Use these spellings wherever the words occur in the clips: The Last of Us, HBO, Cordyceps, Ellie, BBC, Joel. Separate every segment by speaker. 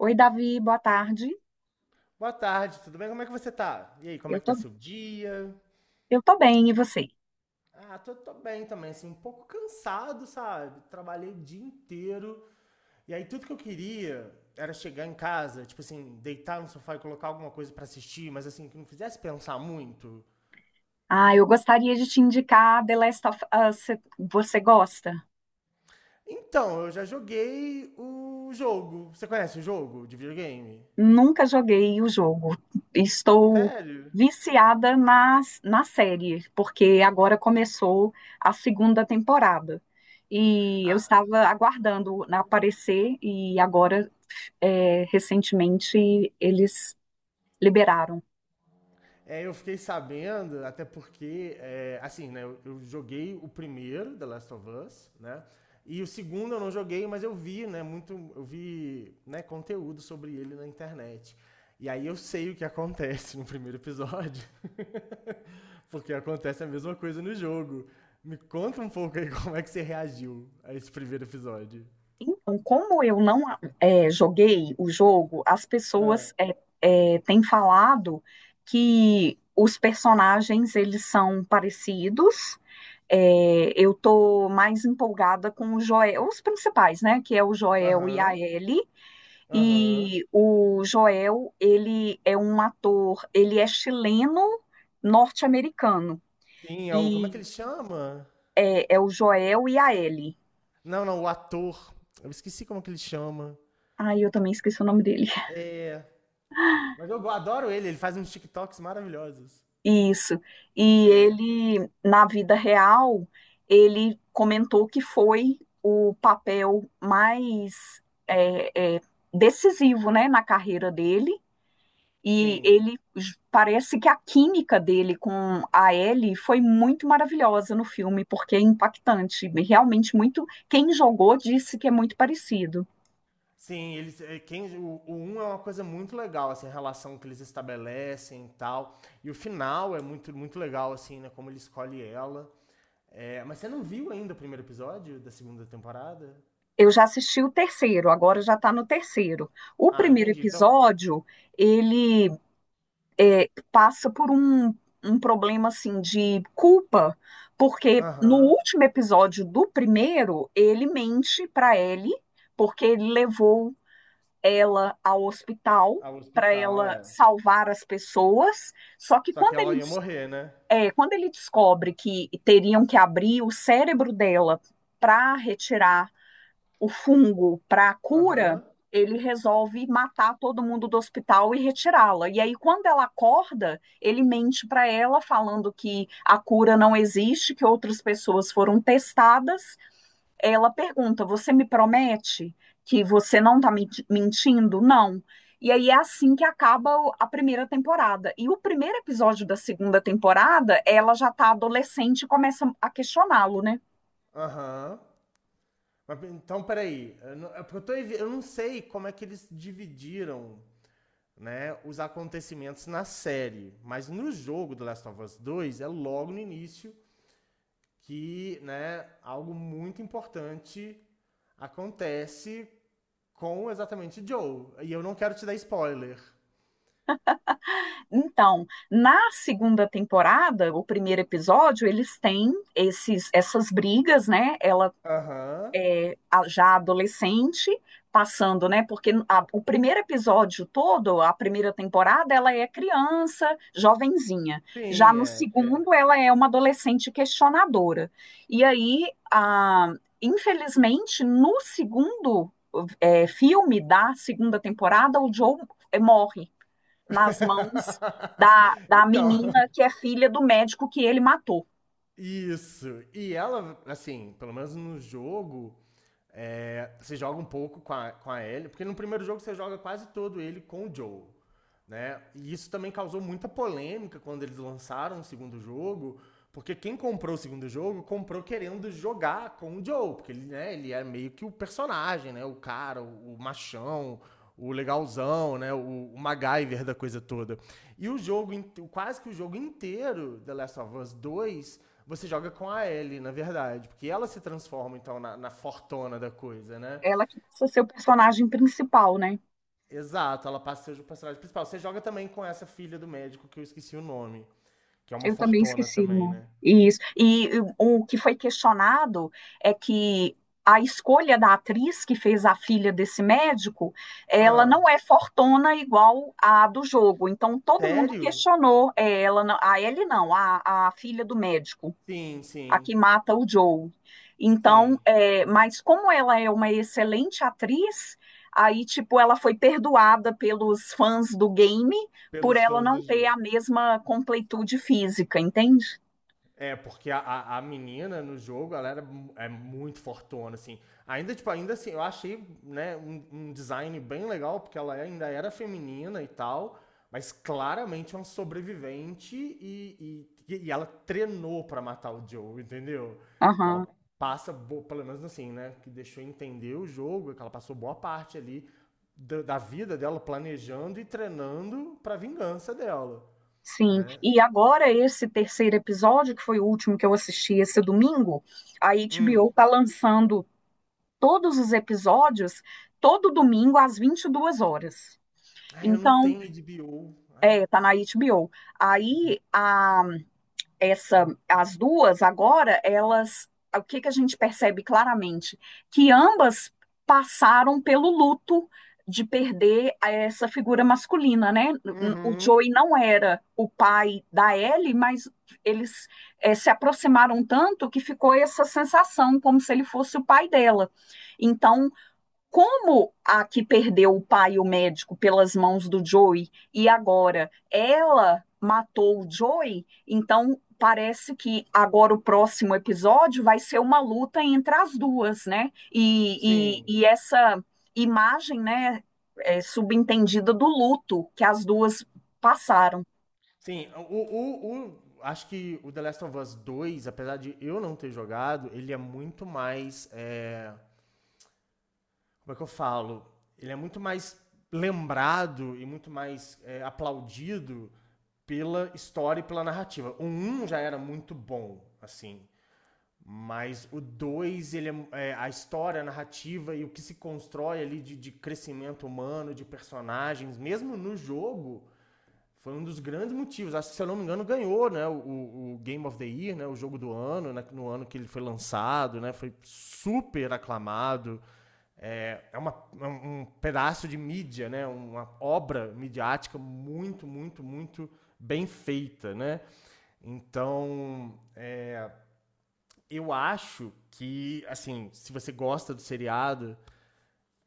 Speaker 1: Oi, Davi, boa tarde.
Speaker 2: Boa tarde, tudo bem? Como é que você tá? E aí, como
Speaker 1: Eu
Speaker 2: é que tá
Speaker 1: tô,
Speaker 2: seu dia?
Speaker 1: eu tô bem, e você?
Speaker 2: Ah, tô bem também, assim, um pouco cansado, sabe? Trabalhei o dia inteiro. E aí, tudo que eu queria era chegar em casa, tipo assim, deitar no sofá e colocar alguma coisa pra assistir, mas assim, que não fizesse pensar muito.
Speaker 1: Ah, eu gostaria de te indicar The Last of Us. Você gosta?
Speaker 2: Então, eu já joguei o jogo. Você conhece o jogo de videogame?
Speaker 1: Nunca joguei o jogo. Estou
Speaker 2: Sério?
Speaker 1: viciada na série, porque agora começou a segunda temporada. E eu
Speaker 2: Ah,
Speaker 1: estava aguardando aparecer, e agora, recentemente, eles liberaram.
Speaker 2: é, eu fiquei sabendo, até porque, é, assim, né, eu joguei o primeiro, The Last of Us, né? E o segundo eu não joguei, mas eu vi, né, muito, eu vi, né, conteúdo sobre ele na internet. E aí eu sei o que acontece no primeiro episódio, porque acontece a mesma coisa no jogo. Me conta um pouco aí como é que você reagiu a esse primeiro episódio.
Speaker 1: Então, como eu não joguei o jogo, as
Speaker 2: Ah,
Speaker 1: pessoas têm falado que os personagens eles são parecidos. Eu tô mais empolgada com o Joel, os principais, né? Que é o Joel e a
Speaker 2: Aham,
Speaker 1: Ellie.
Speaker 2: aham.
Speaker 1: E o Joel, ele é um ator, ele é chileno norte-americano.
Speaker 2: Sim, é o, como é que
Speaker 1: E
Speaker 2: ele chama?
Speaker 1: é o Joel e a Ellie.
Speaker 2: Não, não, o ator. Eu esqueci como é que ele chama.
Speaker 1: Ai, eu também esqueci o nome dele.
Speaker 2: É. Mas eu adoro ele, ele faz uns TikToks maravilhosos.
Speaker 1: Isso. E
Speaker 2: É,
Speaker 1: ele, na vida real, ele comentou que foi o papel mais é, é, decisivo, né, na carreira dele. E
Speaker 2: sim.
Speaker 1: ele parece que a química dele com a Ellie foi muito maravilhosa no filme, porque é impactante. Realmente muito. Quem jogou disse que é muito parecido.
Speaker 2: Sim, eles, é, quem, o 1 é uma coisa muito legal, assim, a relação que eles estabelecem e tal. E o final é muito, muito legal, assim, né? Como ele escolhe ela. É, mas você não viu ainda o primeiro episódio da segunda temporada?
Speaker 1: Eu já assisti o terceiro, agora já está no terceiro. O
Speaker 2: Ah,
Speaker 1: primeiro
Speaker 2: entendi. Então.
Speaker 1: episódio, ele passa por um problema assim de culpa, porque no
Speaker 2: Aham.
Speaker 1: último episódio do primeiro, ele mente para Ellie, porque ele levou ela ao hospital
Speaker 2: Ao
Speaker 1: para
Speaker 2: hospital,
Speaker 1: ela
Speaker 2: é.
Speaker 1: salvar as pessoas. Só que
Speaker 2: Só que ela ia morrer, né?
Speaker 1: quando ele descobre que teriam que abrir o cérebro dela para retirar o fungo para a cura,
Speaker 2: Aham.
Speaker 1: ele resolve matar todo mundo do hospital e retirá-la. E aí, quando ela acorda, ele mente para ela, falando que a cura não existe, que outras pessoas foram testadas. Ela pergunta: Você me promete que você não está mentindo? Não. E aí é assim que acaba a primeira temporada. E o primeiro episódio da segunda temporada, ela já está adolescente e começa a questioná-lo, né?
Speaker 2: Aham. Mas, então, peraí. Eu não, é porque eu, eu não sei como é que eles dividiram, né, os acontecimentos na série. Mas no jogo do Last of Us 2, é logo no início que, né, algo muito importante acontece com exatamente Joel. E eu não quero te dar spoiler.
Speaker 1: Então, na segunda temporada, o primeiro episódio, eles têm essas brigas, né? Ela
Speaker 2: Aham. Uhum.
Speaker 1: já adolescente, passando, né? Porque o primeiro episódio todo, a primeira temporada, ela é criança, jovenzinha. Já
Speaker 2: Sim,
Speaker 1: no
Speaker 2: é.
Speaker 1: segundo, ela é uma adolescente questionadora. E aí, infelizmente, no segundo, filme da segunda temporada, o Joe, morre nas mãos da, da
Speaker 2: Então.
Speaker 1: menina que é filha do médico que ele matou.
Speaker 2: Isso. E ela, assim, pelo menos no jogo, é, você joga um pouco com a Ellie, porque no primeiro jogo você joga quase todo ele com o Joel, né? E isso também causou muita polêmica quando eles lançaram o segundo jogo, porque quem comprou o segundo jogo comprou querendo jogar com o Joel, porque ele, né, ele é meio que o personagem, né? O cara, o machão, o legalzão, né? O MacGyver da coisa toda. E o jogo, quase que o jogo inteiro, The Last of Us dois você joga com a Ellie, na verdade, porque ela se transforma, então, na fortona da coisa, né?
Speaker 1: Ela que passa a ser o personagem principal, né?
Speaker 2: Exato, ela passa a ser o personagem principal. Você joga também com essa filha do médico, que eu esqueci o nome, que é uma
Speaker 1: Eu também
Speaker 2: fortona
Speaker 1: esqueci o
Speaker 2: também,
Speaker 1: nome.
Speaker 2: né?
Speaker 1: Isso. E o que foi questionado é que a escolha da atriz que fez a filha desse médico, ela
Speaker 2: Ah,
Speaker 1: não é fortona igual a do jogo. Então todo mundo
Speaker 2: sério?
Speaker 1: questionou ela, não- a ele não, a filha do médico,
Speaker 2: Sim,
Speaker 1: a
Speaker 2: sim,
Speaker 1: que mata o Joe. Então,
Speaker 2: sim.
Speaker 1: mas como ela é uma excelente atriz, aí, tipo, ela foi perdoada pelos fãs do game por
Speaker 2: Pelos
Speaker 1: ela
Speaker 2: fãs do
Speaker 1: não ter a
Speaker 2: jogo.
Speaker 1: mesma completude física, entende?
Speaker 2: É, porque a menina no jogo, ela era, é muito fortona, assim. Ainda, tipo, ainda assim, eu achei, né, um design bem legal, porque ela ainda era feminina e tal, mas claramente é uma sobrevivente e ela treinou pra matar o Joe, entendeu? Que ela
Speaker 1: Aham,
Speaker 2: pelo menos assim, né, que deixou entender o jogo, que ela passou boa parte ali da vida dela planejando e treinando pra vingança dela,
Speaker 1: sim.
Speaker 2: né?
Speaker 1: E agora, esse terceiro episódio, que foi o último que eu assisti esse domingo, a
Speaker 2: Hum.
Speaker 1: HBO tá lançando todos os episódios todo domingo às 22 horas.
Speaker 2: Ai, eu não
Speaker 1: Então,
Speaker 2: tenho HBO. Ai, eu
Speaker 1: tá
Speaker 2: tô...
Speaker 1: na HBO. Aí, as duas agora, elas, o que que a gente percebe claramente? Que ambas passaram pelo luto de perder essa figura masculina, né? O
Speaker 2: Uhum.
Speaker 1: Joey não era o pai da Ellie, mas eles se aproximaram tanto que ficou essa sensação como se ele fosse o pai dela. Então, como a que perdeu o pai e o médico pelas mãos do Joey e agora ela matou o Joey, então parece que agora o próximo episódio vai ser uma luta entre as duas, né? E, e,
Speaker 2: Sim.
Speaker 1: e essa imagem, né, é subentendida do luto que as duas passaram.
Speaker 2: Sim, acho que o The Last of Us dois, apesar de eu não ter jogado, ele é muito mais. É, como é que eu falo? Ele é muito mais lembrado e muito mais aplaudido pela história e pela narrativa. O um já era muito bom, assim. Mas o 2 ele é, a história, a narrativa e o que se constrói ali de crescimento humano, de personagens, mesmo no jogo, foi um dos grandes motivos. Acho que, se eu não me engano, ganhou, né, o Game of the Year, né, o jogo do ano, né, no ano que ele foi lançado, né, foi super aclamado. É, é uma, é um pedaço de mídia, né, uma obra midiática muito, muito, muito bem feita. Né? Então, eu acho que, assim, se você gosta do seriado,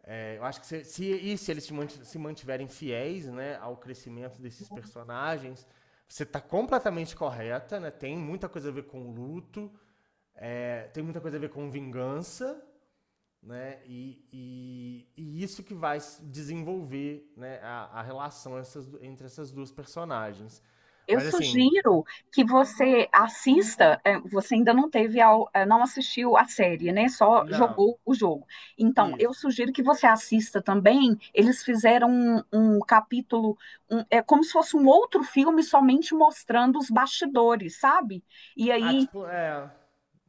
Speaker 2: é, eu acho que se, e se eles se mantiverem fiéis, né, ao crescimento desses personagens, você tá completamente correta, né? Tem muita coisa a ver com luto, tem muita coisa a ver com vingança, né? E isso que vai desenvolver, né, a relação essas entre essas duas personagens.
Speaker 1: Eu
Speaker 2: Mas assim,
Speaker 1: sugiro que você assista. Você ainda não assistiu a série, né? Só
Speaker 2: não,
Speaker 1: jogou o jogo. Então, eu
Speaker 2: isso.
Speaker 1: sugiro que você assista também. Eles fizeram um capítulo, é como se fosse um outro filme, somente mostrando os bastidores, sabe? E
Speaker 2: Ah,
Speaker 1: aí,
Speaker 2: tipo, é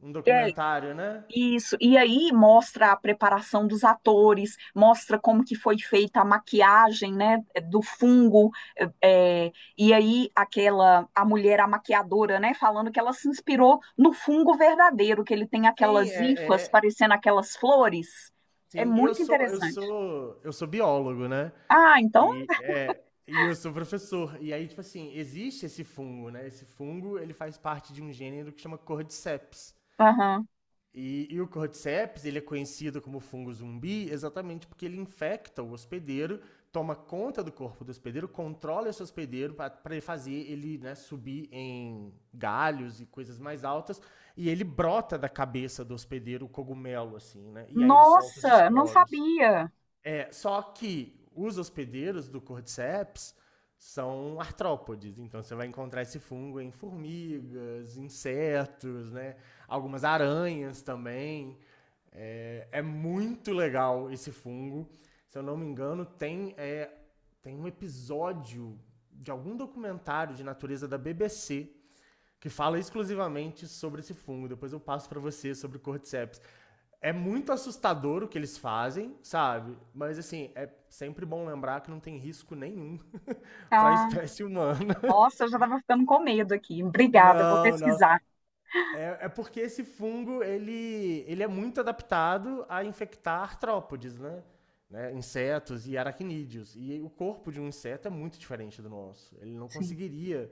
Speaker 2: um
Speaker 1: é,
Speaker 2: documentário, né?
Speaker 1: isso, e aí mostra a preparação dos atores, mostra como que foi feita a maquiagem, né, do fungo, e aí a mulher, a maquiadora, né, falando que ela se inspirou no fungo verdadeiro, que ele tem
Speaker 2: Sim, é,
Speaker 1: aquelas hifas
Speaker 2: é,
Speaker 1: parecendo aquelas flores, é
Speaker 2: sim. Eu
Speaker 1: muito
Speaker 2: sou, eu
Speaker 1: interessante.
Speaker 2: sou, eu sou biólogo, né?
Speaker 1: Ah, então,
Speaker 2: E é, e eu sou professor. E aí, tipo assim, existe esse fungo, né? Esse fungo, ele faz parte de um gênero que chama Cordyceps.
Speaker 1: aham.
Speaker 2: E o cordyceps, ele é conhecido como fungo zumbi exatamente porque ele infecta o hospedeiro, toma conta do corpo do hospedeiro, controla esse hospedeiro para fazer ele, né, subir em galhos e coisas mais altas, e ele brota da cabeça do hospedeiro o cogumelo, assim, né? E aí ele solta os
Speaker 1: Nossa, não
Speaker 2: esporos.
Speaker 1: sabia.
Speaker 2: É, só que os hospedeiros do Cordyceps são artrópodes, então você vai encontrar esse fungo em formigas, insetos, né? Algumas aranhas também. É muito legal esse fungo. Se eu não me engano, tem um episódio de algum documentário de natureza da BBC que fala exclusivamente sobre esse fungo. Depois eu passo para você sobre o Cordyceps. É muito assustador o que eles fazem, sabe? Mas assim, é sempre bom lembrar que não tem risco nenhum para a
Speaker 1: Ah,
Speaker 2: espécie humana.
Speaker 1: nossa, eu já estava ficando com medo aqui, obrigada, vou
Speaker 2: Não, não.
Speaker 1: pesquisar,
Speaker 2: É porque esse fungo, ele é muito adaptado a infectar artrópodes, né? Insetos e aracnídeos. E o corpo de um inseto é muito diferente do nosso. Ele não
Speaker 1: sim,
Speaker 2: conseguiria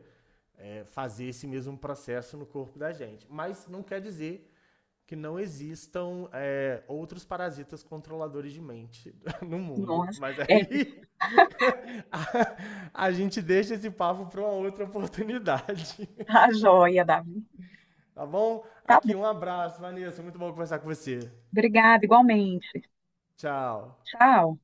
Speaker 2: fazer esse mesmo processo no corpo da gente. Mas não quer dizer que não existam outros parasitas controladores de mente no mundo.
Speaker 1: nossa,
Speaker 2: Mas
Speaker 1: é,
Speaker 2: aí a gente deixa esse papo para uma outra oportunidade,
Speaker 1: tá joia, Davi.
Speaker 2: tá bom?
Speaker 1: Tá,
Speaker 2: Aqui, um abraço, Vanessa. Muito bom conversar com você.
Speaker 1: obrigada, igualmente.
Speaker 2: Tchau.
Speaker 1: Tchau.